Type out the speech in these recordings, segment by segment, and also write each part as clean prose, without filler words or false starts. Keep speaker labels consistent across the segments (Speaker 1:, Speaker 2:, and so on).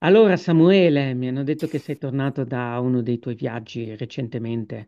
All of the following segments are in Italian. Speaker 1: Allora, Samuele, mi hanno detto che sei tornato da uno dei tuoi viaggi recentemente.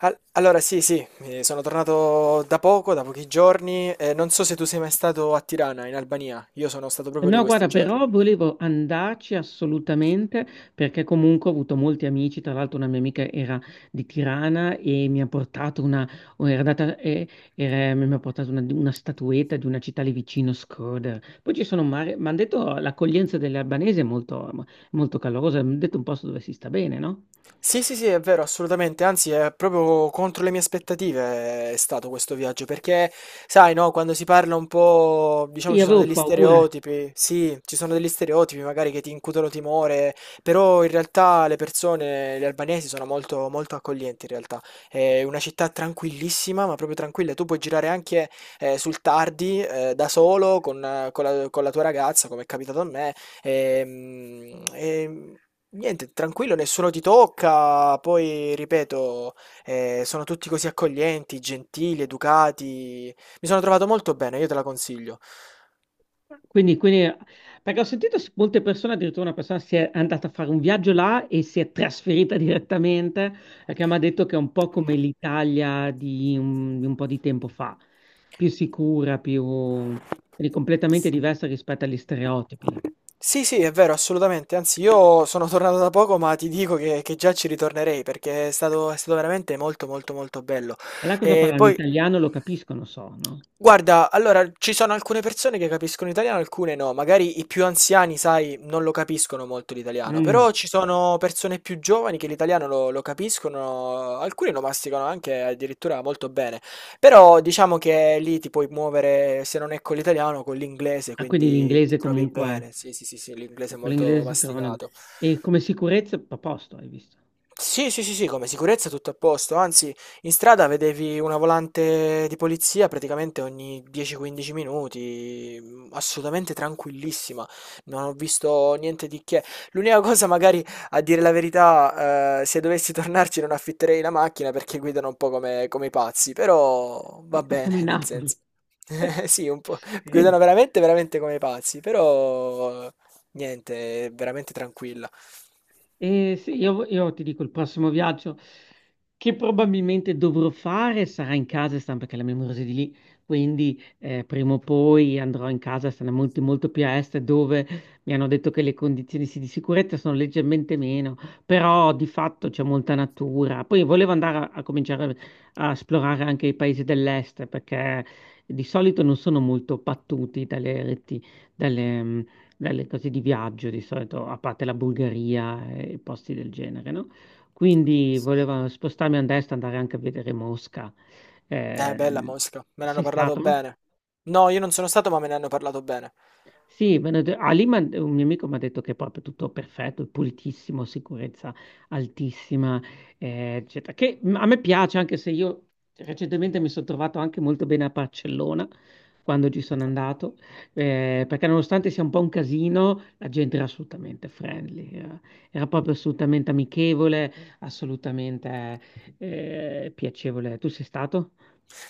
Speaker 2: Allora, sì, sì, sono tornato da poco, da pochi giorni. Non so se tu sei mai stato a Tirana, in Albania. Io sono stato proprio lì
Speaker 1: No,
Speaker 2: questi
Speaker 1: guarda,
Speaker 2: giorni.
Speaker 1: però volevo andarci assolutamente perché comunque ho avuto molti amici, tra l'altro una mia amica era di Tirana e mi ha portato una, o era data- eh, mi ha portato una, statuetta di una città lì vicino, Shkodër. Poi ci sono, mi hanno detto l'accoglienza delle albanesi è molto, molto calorosa, mi hanno detto un posto dove si sta bene, no?
Speaker 2: Sì, sì, sì, è vero, assolutamente, anzi è proprio contro le mie aspettative è stato questo viaggio, perché sai, no, quando si parla un po', diciamo ci
Speaker 1: Io
Speaker 2: sono
Speaker 1: avevo
Speaker 2: degli
Speaker 1: paura.
Speaker 2: stereotipi, sì, ci sono degli stereotipi magari che ti incutono timore, però in realtà le persone, gli albanesi sono molto, molto accoglienti in realtà, è una città tranquillissima, ma proprio tranquilla, tu puoi girare anche sul tardi, da solo, con la tua ragazza, come è capitato a me, Ehm, ehm, niente, tranquillo, nessuno ti tocca. Poi, ripeto, sono tutti così accoglienti, gentili, educati. Mi sono trovato molto bene, io te la consiglio.
Speaker 1: Quindi, quindi- perché ho sentito molte persone, addirittura una persona si è andata a fare un viaggio là e si è trasferita direttamente, perché mi ha detto che è un po' come l'Italia di un po' di tempo fa, più sicura, più quindi completamente diversa rispetto agli stereotipi.
Speaker 2: Sì, sì, è vero, assolutamente. Anzi, io sono tornato da poco, ma ti dico che già ci ritornerei perché è stato veramente molto, molto, molto bello.
Speaker 1: E là cosa
Speaker 2: E
Speaker 1: parlano?
Speaker 2: poi.
Speaker 1: L'italiano lo capiscono, so, no?
Speaker 2: Guarda, allora ci sono alcune persone che capiscono italiano, alcune no. Magari i più anziani, sai, non lo capiscono molto l'italiano,
Speaker 1: Mm.
Speaker 2: però ci sono persone più giovani che l'italiano lo capiscono, alcuni lo masticano anche addirittura molto bene. Però diciamo che lì ti puoi muovere, se non è con l'italiano, con l'inglese,
Speaker 1: Ah, quindi
Speaker 2: quindi ti
Speaker 1: l'inglese
Speaker 2: trovi
Speaker 1: comunque,
Speaker 2: bene. Sì, sì, sì, sì, l'inglese è
Speaker 1: con
Speaker 2: molto
Speaker 1: l'inglese si trovano...
Speaker 2: masticato.
Speaker 1: E come sicurezza, a posto, hai visto?
Speaker 2: Sì, sì, sì, sì, come sicurezza tutto a posto, anzi in strada vedevi una volante di polizia praticamente ogni 10-15 minuti, assolutamente tranquillissima, non ho visto niente di che. L'unica cosa magari, a dire la verità, se dovessi tornarci non affitterei la macchina perché guidano un po' come i pazzi, però
Speaker 1: È
Speaker 2: va
Speaker 1: un po'
Speaker 2: bene,
Speaker 1: come
Speaker 2: nel
Speaker 1: Napoli.
Speaker 2: senso. Sì, un po', guidano
Speaker 1: Quindi-
Speaker 2: veramente, veramente come i pazzi, però niente, è veramente tranquilla.
Speaker 1: E se io ti dico, il prossimo viaggio che probabilmente dovrò fare sarà in casa, Stan, perché la mia amorosa è di lì, quindi prima o poi andrò in casa, sarà molto, molto più a est, dove mi hanno detto che le condizioni sì, di sicurezza sono leggermente meno, però di fatto c'è molta natura. Poi volevo andare a cominciare a esplorare anche i paesi dell'est, perché di solito non sono molto battuti dalle reti, dalle cose di viaggio di solito, a parte la Bulgaria e posti del genere, no? Quindi volevo spostarmi a destra, andare anche a vedere Mosca. Eh,
Speaker 2: Bella Mosca, me ne hanno
Speaker 1: sei
Speaker 2: parlato
Speaker 1: stato?
Speaker 2: bene. No, io non sono stato, ma me ne hanno parlato bene.
Speaker 1: Sì, un mio amico mi ha detto che è proprio tutto perfetto, pulitissimo, sicurezza altissima, eccetera. Che a me piace, anche se io recentemente mi sono trovato anche molto bene a Barcellona quando ci sono andato, perché nonostante sia un po' un casino, la gente era assolutamente friendly, era proprio assolutamente amichevole, assolutamente piacevole. Tu sei stato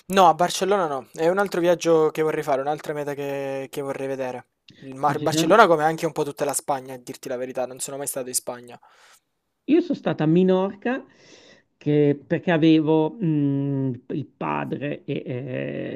Speaker 2: No, a Barcellona no, è un altro viaggio che vorrei fare, un'altra meta che vorrei vedere. Il
Speaker 1: a
Speaker 2: Mar-
Speaker 1: Girona?
Speaker 2: Barcellona, come anche un po' tutta la Spagna, a dirti la verità, non sono mai stato in Spagna.
Speaker 1: Io sono stata a Minorca perché avevo il padre e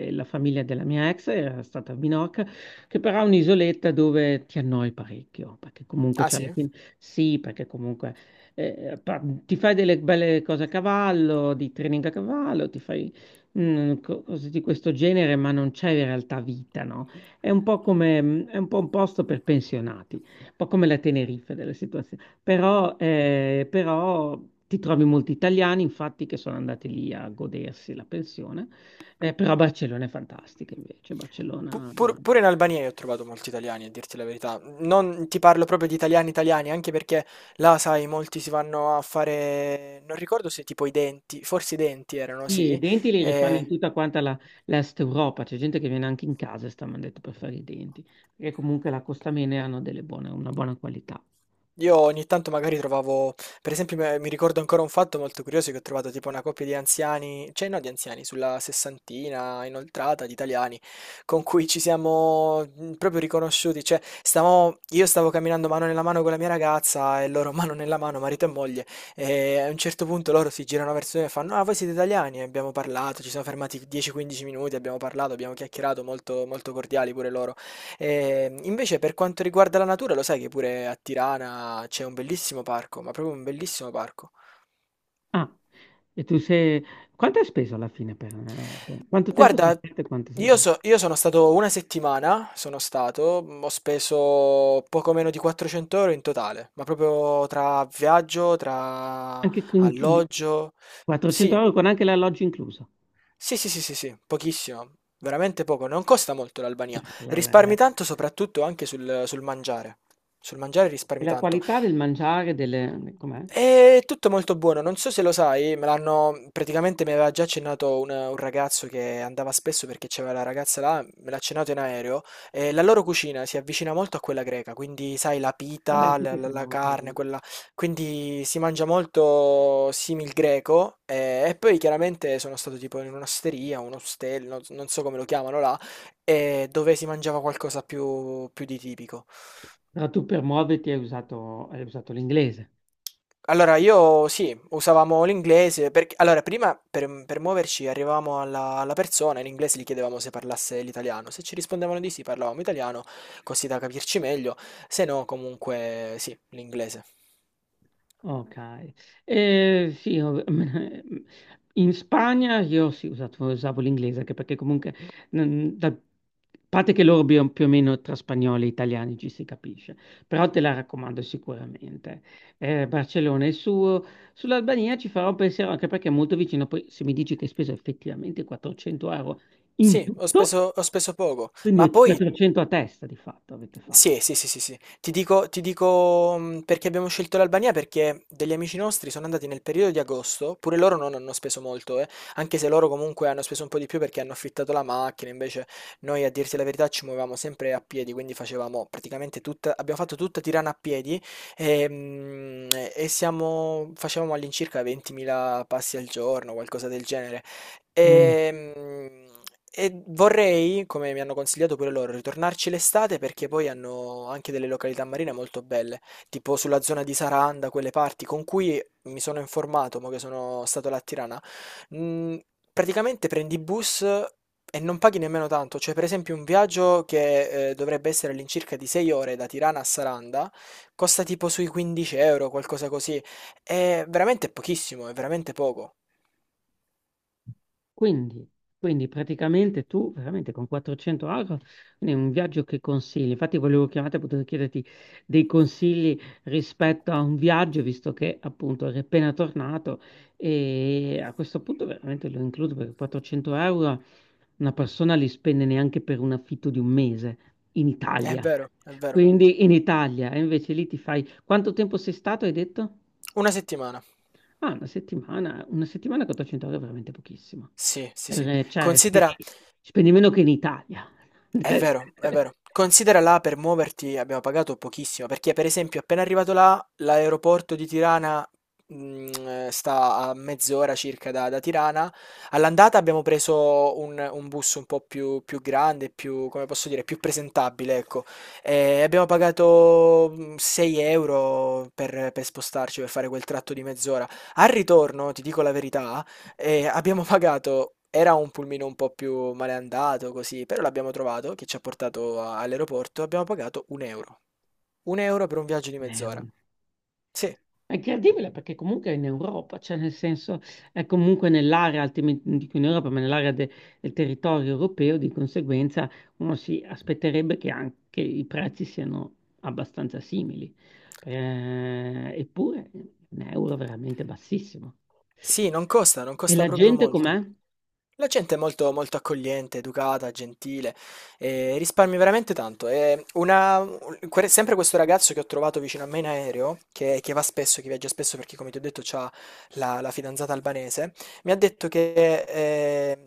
Speaker 1: la famiglia della mia ex era stata a Minorca, che però è un'isoletta dove ti annoi parecchio, perché comunque
Speaker 2: Ah
Speaker 1: c'è la
Speaker 2: sì?
Speaker 1: fin- Sì, perché comunque ti fai delle belle cose a cavallo, di training a cavallo, ti fai cose di questo genere, ma non c'è in realtà vita, no? È un po' come, è un po' un posto per pensionati, un po' come la Tenerife della situazione. Però, però ti trovi molti italiani, infatti, che sono andati lì a godersi la pensione. Però Barcellona è fantastica invece.
Speaker 2: Pu-
Speaker 1: Barcellona,
Speaker 2: pur, pure in Albania io ho trovato molti italiani, a dirti la verità. Non ti parlo proprio di italiani italiani, anche perché là, sai, molti si vanno a fare... Non ricordo se tipo i denti, forse i denti erano,
Speaker 1: sì, i
Speaker 2: sì.
Speaker 1: denti li rifanno in
Speaker 2: Eh,
Speaker 1: tutta quanta l'Est Europa. C'è gente che viene anche in casa, e sta mandando per fare i denti, perché comunque la costa bene hanno delle buone, una buona qualità.
Speaker 2: io ogni tanto magari trovavo, per esempio mi ricordo ancora un fatto molto curioso che ho trovato tipo una coppia di anziani, cioè no di anziani, sulla sessantina inoltrata di italiani, con cui ci siamo proprio riconosciuti, cioè stavamo, io stavo camminando mano nella mano con la mia ragazza e loro mano nella mano, marito e moglie, e a un certo punto loro si girano verso me e fanno, ah voi siete italiani? E abbiamo parlato, ci siamo fermati 10-15 minuti, abbiamo parlato, abbiamo chiacchierato, molto, molto cordiali pure loro. Invece per quanto riguarda la natura, lo sai che pure a Tirana c'è un bellissimo parco, ma proprio un bellissimo parco.
Speaker 1: Ah, e tu sei... Quanto hai speso alla fine per... Quanto tempo sei
Speaker 2: Guarda,
Speaker 1: stato e quanto sei...
Speaker 2: io sono stato una settimana, sono stato, ho speso poco meno di 400 euro in totale, ma proprio tra viaggio, tra
Speaker 1: Anche con
Speaker 2: alloggio.
Speaker 1: 400
Speaker 2: Sì,
Speaker 1: euro con anche l'alloggio incluso.
Speaker 2: sì, sì, sì, sì, sì, pochissimo, veramente poco, non costa molto l'Albania. Risparmi tanto soprattutto anche sul mangiare. Sul mangiare
Speaker 1: E
Speaker 2: risparmi
Speaker 1: la
Speaker 2: tanto.
Speaker 1: qualità del mangiare, delle... com'è?
Speaker 2: È tutto molto buono, non so se lo sai, me l'hanno praticamente mi aveva già accennato un ragazzo che andava spesso perché c'era la ragazza là, me l'ha accennato in aereo, e la loro cucina si avvicina molto a quella greca, quindi sai la
Speaker 1: Vabbè,
Speaker 2: pita,
Speaker 1: sì,
Speaker 2: la,
Speaker 1: perché
Speaker 2: la-
Speaker 1: non
Speaker 2: la
Speaker 1: avevo
Speaker 2: carne,
Speaker 1: trovato.
Speaker 2: quella, quindi si mangia molto simil greco e poi chiaramente sono stato tipo in un'osteria, un ostello, non so come lo chiamano là, e dove si mangiava qualcosa più di tipico.
Speaker 1: Però tu per muoverti hai usato l'inglese.
Speaker 2: Allora, io sì, usavamo l'inglese, perché allora prima per muoverci arrivavamo alla persona, in inglese gli chiedevamo se parlasse l'italiano, se ci rispondevano di sì parlavamo italiano, così da capirci meglio, se no comunque sì, l'inglese.
Speaker 1: Ok, sì, in Spagna io sì, usavo l'inglese anche perché comunque, a parte che loro più o meno tra spagnoli e italiani ci si capisce, però te la raccomando sicuramente. Barcellona è il suo, sull'Albania ci farò un pensiero anche perché è molto vicino, poi se mi dici che hai speso effettivamente 400 euro in
Speaker 2: Sì,
Speaker 1: tutto,
Speaker 2: ho speso poco, ma
Speaker 1: quindi
Speaker 2: poi
Speaker 1: 400 a testa di fatto avete fatto.
Speaker 2: sì, sì, sì, sì, sì. Ti dico, perché abbiamo scelto l'Albania, perché degli amici nostri sono andati nel periodo di agosto, pure loro non hanno speso molto, anche se loro comunque hanno speso un po' di più perché hanno affittato la macchina, invece noi a dirti la verità ci muovevamo sempre a piedi, quindi facevamo praticamente tutta, abbiamo fatto tutta Tirana a piedi e, mh, e siamo, facevamo all'incirca 20.000 passi al giorno, qualcosa del genere. Ehm, E, vorrei, come mi hanno consigliato pure loro, ritornarci l'estate perché poi hanno anche delle località marine molto belle, tipo sulla zona di Saranda, quelle parti con cui mi sono informato, mo che sono stato là a Tirana. Mm, praticamente prendi bus e non paghi nemmeno tanto, cioè per esempio un viaggio che dovrebbe essere all'incirca di 6 ore da Tirana a Saranda costa tipo sui 15 euro, qualcosa così. È veramente pochissimo, è veramente poco.
Speaker 1: Quindi, quindi, praticamente tu veramente con 400 euro, quindi è un viaggio che consigli. Infatti volevo chiamarti per poter chiederti dei consigli rispetto a un viaggio, visto che appunto eri appena tornato e a questo punto veramente lo includo perché 400 euro una persona li spende neanche per un affitto di un mese in
Speaker 2: È
Speaker 1: Italia.
Speaker 2: vero, è vero.
Speaker 1: Quindi in Italia, e invece lì ti fai... Quanto tempo sei stato, hai detto?
Speaker 2: Una settimana.
Speaker 1: Ah, una settimana 400 euro è veramente pochissimo.
Speaker 2: Sì, sì, sì.
Speaker 1: Cioè,
Speaker 2: Considera
Speaker 1: spendi meno che in Italia.
Speaker 2: è vero, è
Speaker 1: Eh,
Speaker 2: vero. Considera là per muoverti abbiamo pagato pochissimo, perché per esempio appena arrivato là, l'aeroporto di Tirana mm, sta a mezz'ora circa da Tirana. All'andata abbiamo preso un bus un po' più, più grande, più, come posso dire, più presentabile, ecco. E abbiamo pagato 6 euro per spostarci, per fare quel tratto di mezz'ora. Al ritorno, ti dico la verità, e abbiamo pagato, era un pulmino un po' più maleandato così, però l'abbiamo trovato, che ci ha portato all'aeroporto, abbiamo pagato un euro. Un euro per un viaggio di
Speaker 1: un
Speaker 2: mezz'ora.
Speaker 1: euro.
Speaker 2: Sì,
Speaker 1: È incredibile perché comunque è in Europa, cioè nel senso è comunque nell'area, altrimenti non dico in Europa, ma nell'area del territorio europeo, di conseguenza uno si aspetterebbe che anche i prezzi siano abbastanza simili. Eppure è un euro veramente bassissimo.
Speaker 2: sì, non costa, non
Speaker 1: E
Speaker 2: costa
Speaker 1: la
Speaker 2: proprio
Speaker 1: gente com'è?
Speaker 2: molto. La gente è molto, molto accogliente, educata, gentile, e risparmi veramente tanto. E sempre questo ragazzo che ho trovato vicino a me in aereo, che va spesso, che viaggia spesso perché, come ti ho detto, ha la fidanzata albanese, mi ha detto che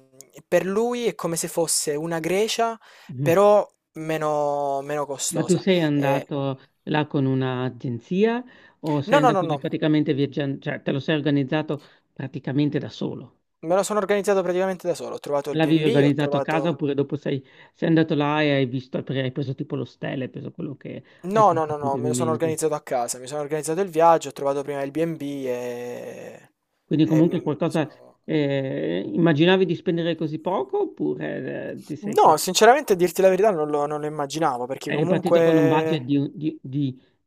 Speaker 2: per lui è come se fosse una Grecia,
Speaker 1: Mm.
Speaker 2: però meno, meno
Speaker 1: Ma tu
Speaker 2: costosa.
Speaker 1: sei
Speaker 2: Eh,
Speaker 1: andato là con un'agenzia o sei
Speaker 2: no, no, no,
Speaker 1: andato là
Speaker 2: no.
Speaker 1: praticamente viaggiando, cioè te lo sei organizzato praticamente da solo?
Speaker 2: Me lo sono organizzato praticamente da solo, ho trovato il
Speaker 1: L'avevi
Speaker 2: B&B, ho
Speaker 1: organizzato a casa
Speaker 2: trovato...
Speaker 1: oppure dopo sei andato là e hai visto, perché hai preso tipo l'ostello, hai preso quello che hai
Speaker 2: No, no,
Speaker 1: trovato
Speaker 2: no,
Speaker 1: in
Speaker 2: no,
Speaker 1: quel
Speaker 2: me lo sono
Speaker 1: momento.
Speaker 2: organizzato a casa, mi sono organizzato il viaggio, ho trovato prima il B&B e...
Speaker 1: Quindi
Speaker 2: e
Speaker 1: comunque
Speaker 2: mi
Speaker 1: qualcosa,
Speaker 2: sono...
Speaker 1: immaginavi di spendere così poco oppure
Speaker 2: No, sinceramente a dirti la verità non lo immaginavo, perché
Speaker 1: hai ripartito con un budget
Speaker 2: comunque...
Speaker 1: di, un-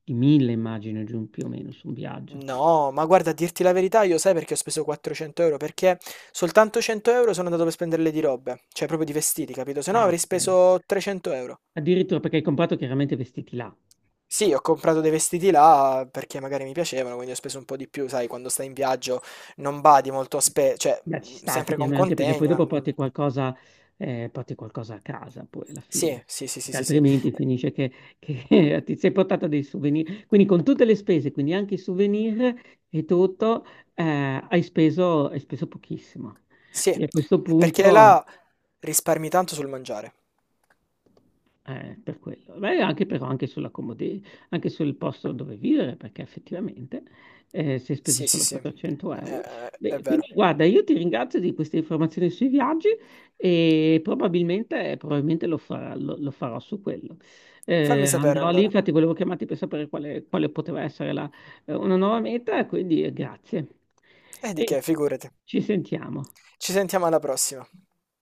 Speaker 1: di mille, immagino, giù più o meno su un viaggio?
Speaker 2: No, ma guarda, a dirti la verità, io sai perché ho speso 400 euro, perché soltanto 100 euro sono andato per spenderle di robe, cioè proprio di vestiti, capito? Se no
Speaker 1: Ah,
Speaker 2: avrei
Speaker 1: ok.
Speaker 2: speso 300 euro.
Speaker 1: Addirittura perché hai comprato chiaramente vestiti là.
Speaker 2: Sì, ho comprato dei vestiti là perché magari mi piacevano, quindi ho speso un po' di più, sai, quando stai in viaggio non badi molto a cioè
Speaker 1: Beh, ci sta
Speaker 2: sempre con
Speaker 1: effettivamente, anche perché poi
Speaker 2: contegno.
Speaker 1: dopo
Speaker 2: Mm.
Speaker 1: porti qualcosa a casa poi alla
Speaker 2: Sì,
Speaker 1: fine,
Speaker 2: sì, sì, sì,
Speaker 1: perché
Speaker 2: sì, sì. Eh,
Speaker 1: altrimenti che ti sei portato dei souvenir. Quindi con tutte le spese, quindi anche i souvenir e tutto, hai speso pochissimo.
Speaker 2: sì,
Speaker 1: E a questo
Speaker 2: perché
Speaker 1: punto
Speaker 2: là risparmi tanto sul mangiare.
Speaker 1: Per quello. Beh, anche però anche sulla comodità, anche sul posto dove vivere, perché effettivamente si è speso
Speaker 2: Sì, sì,
Speaker 1: solo
Speaker 2: sì,
Speaker 1: 400 euro.
Speaker 2: è
Speaker 1: Beh,
Speaker 2: vero.
Speaker 1: quindi guarda, io ti ringrazio di queste informazioni sui viaggi e probabilmente lo farà- lo- lo farò su quello.
Speaker 2: Fammi sapere
Speaker 1: Andrò lì,
Speaker 2: allora.
Speaker 1: infatti volevo chiamarti per sapere quale poteva essere una nuova meta, quindi grazie.
Speaker 2: E di
Speaker 1: E
Speaker 2: che, figurati.
Speaker 1: ci sentiamo.
Speaker 2: Ci sentiamo alla prossima.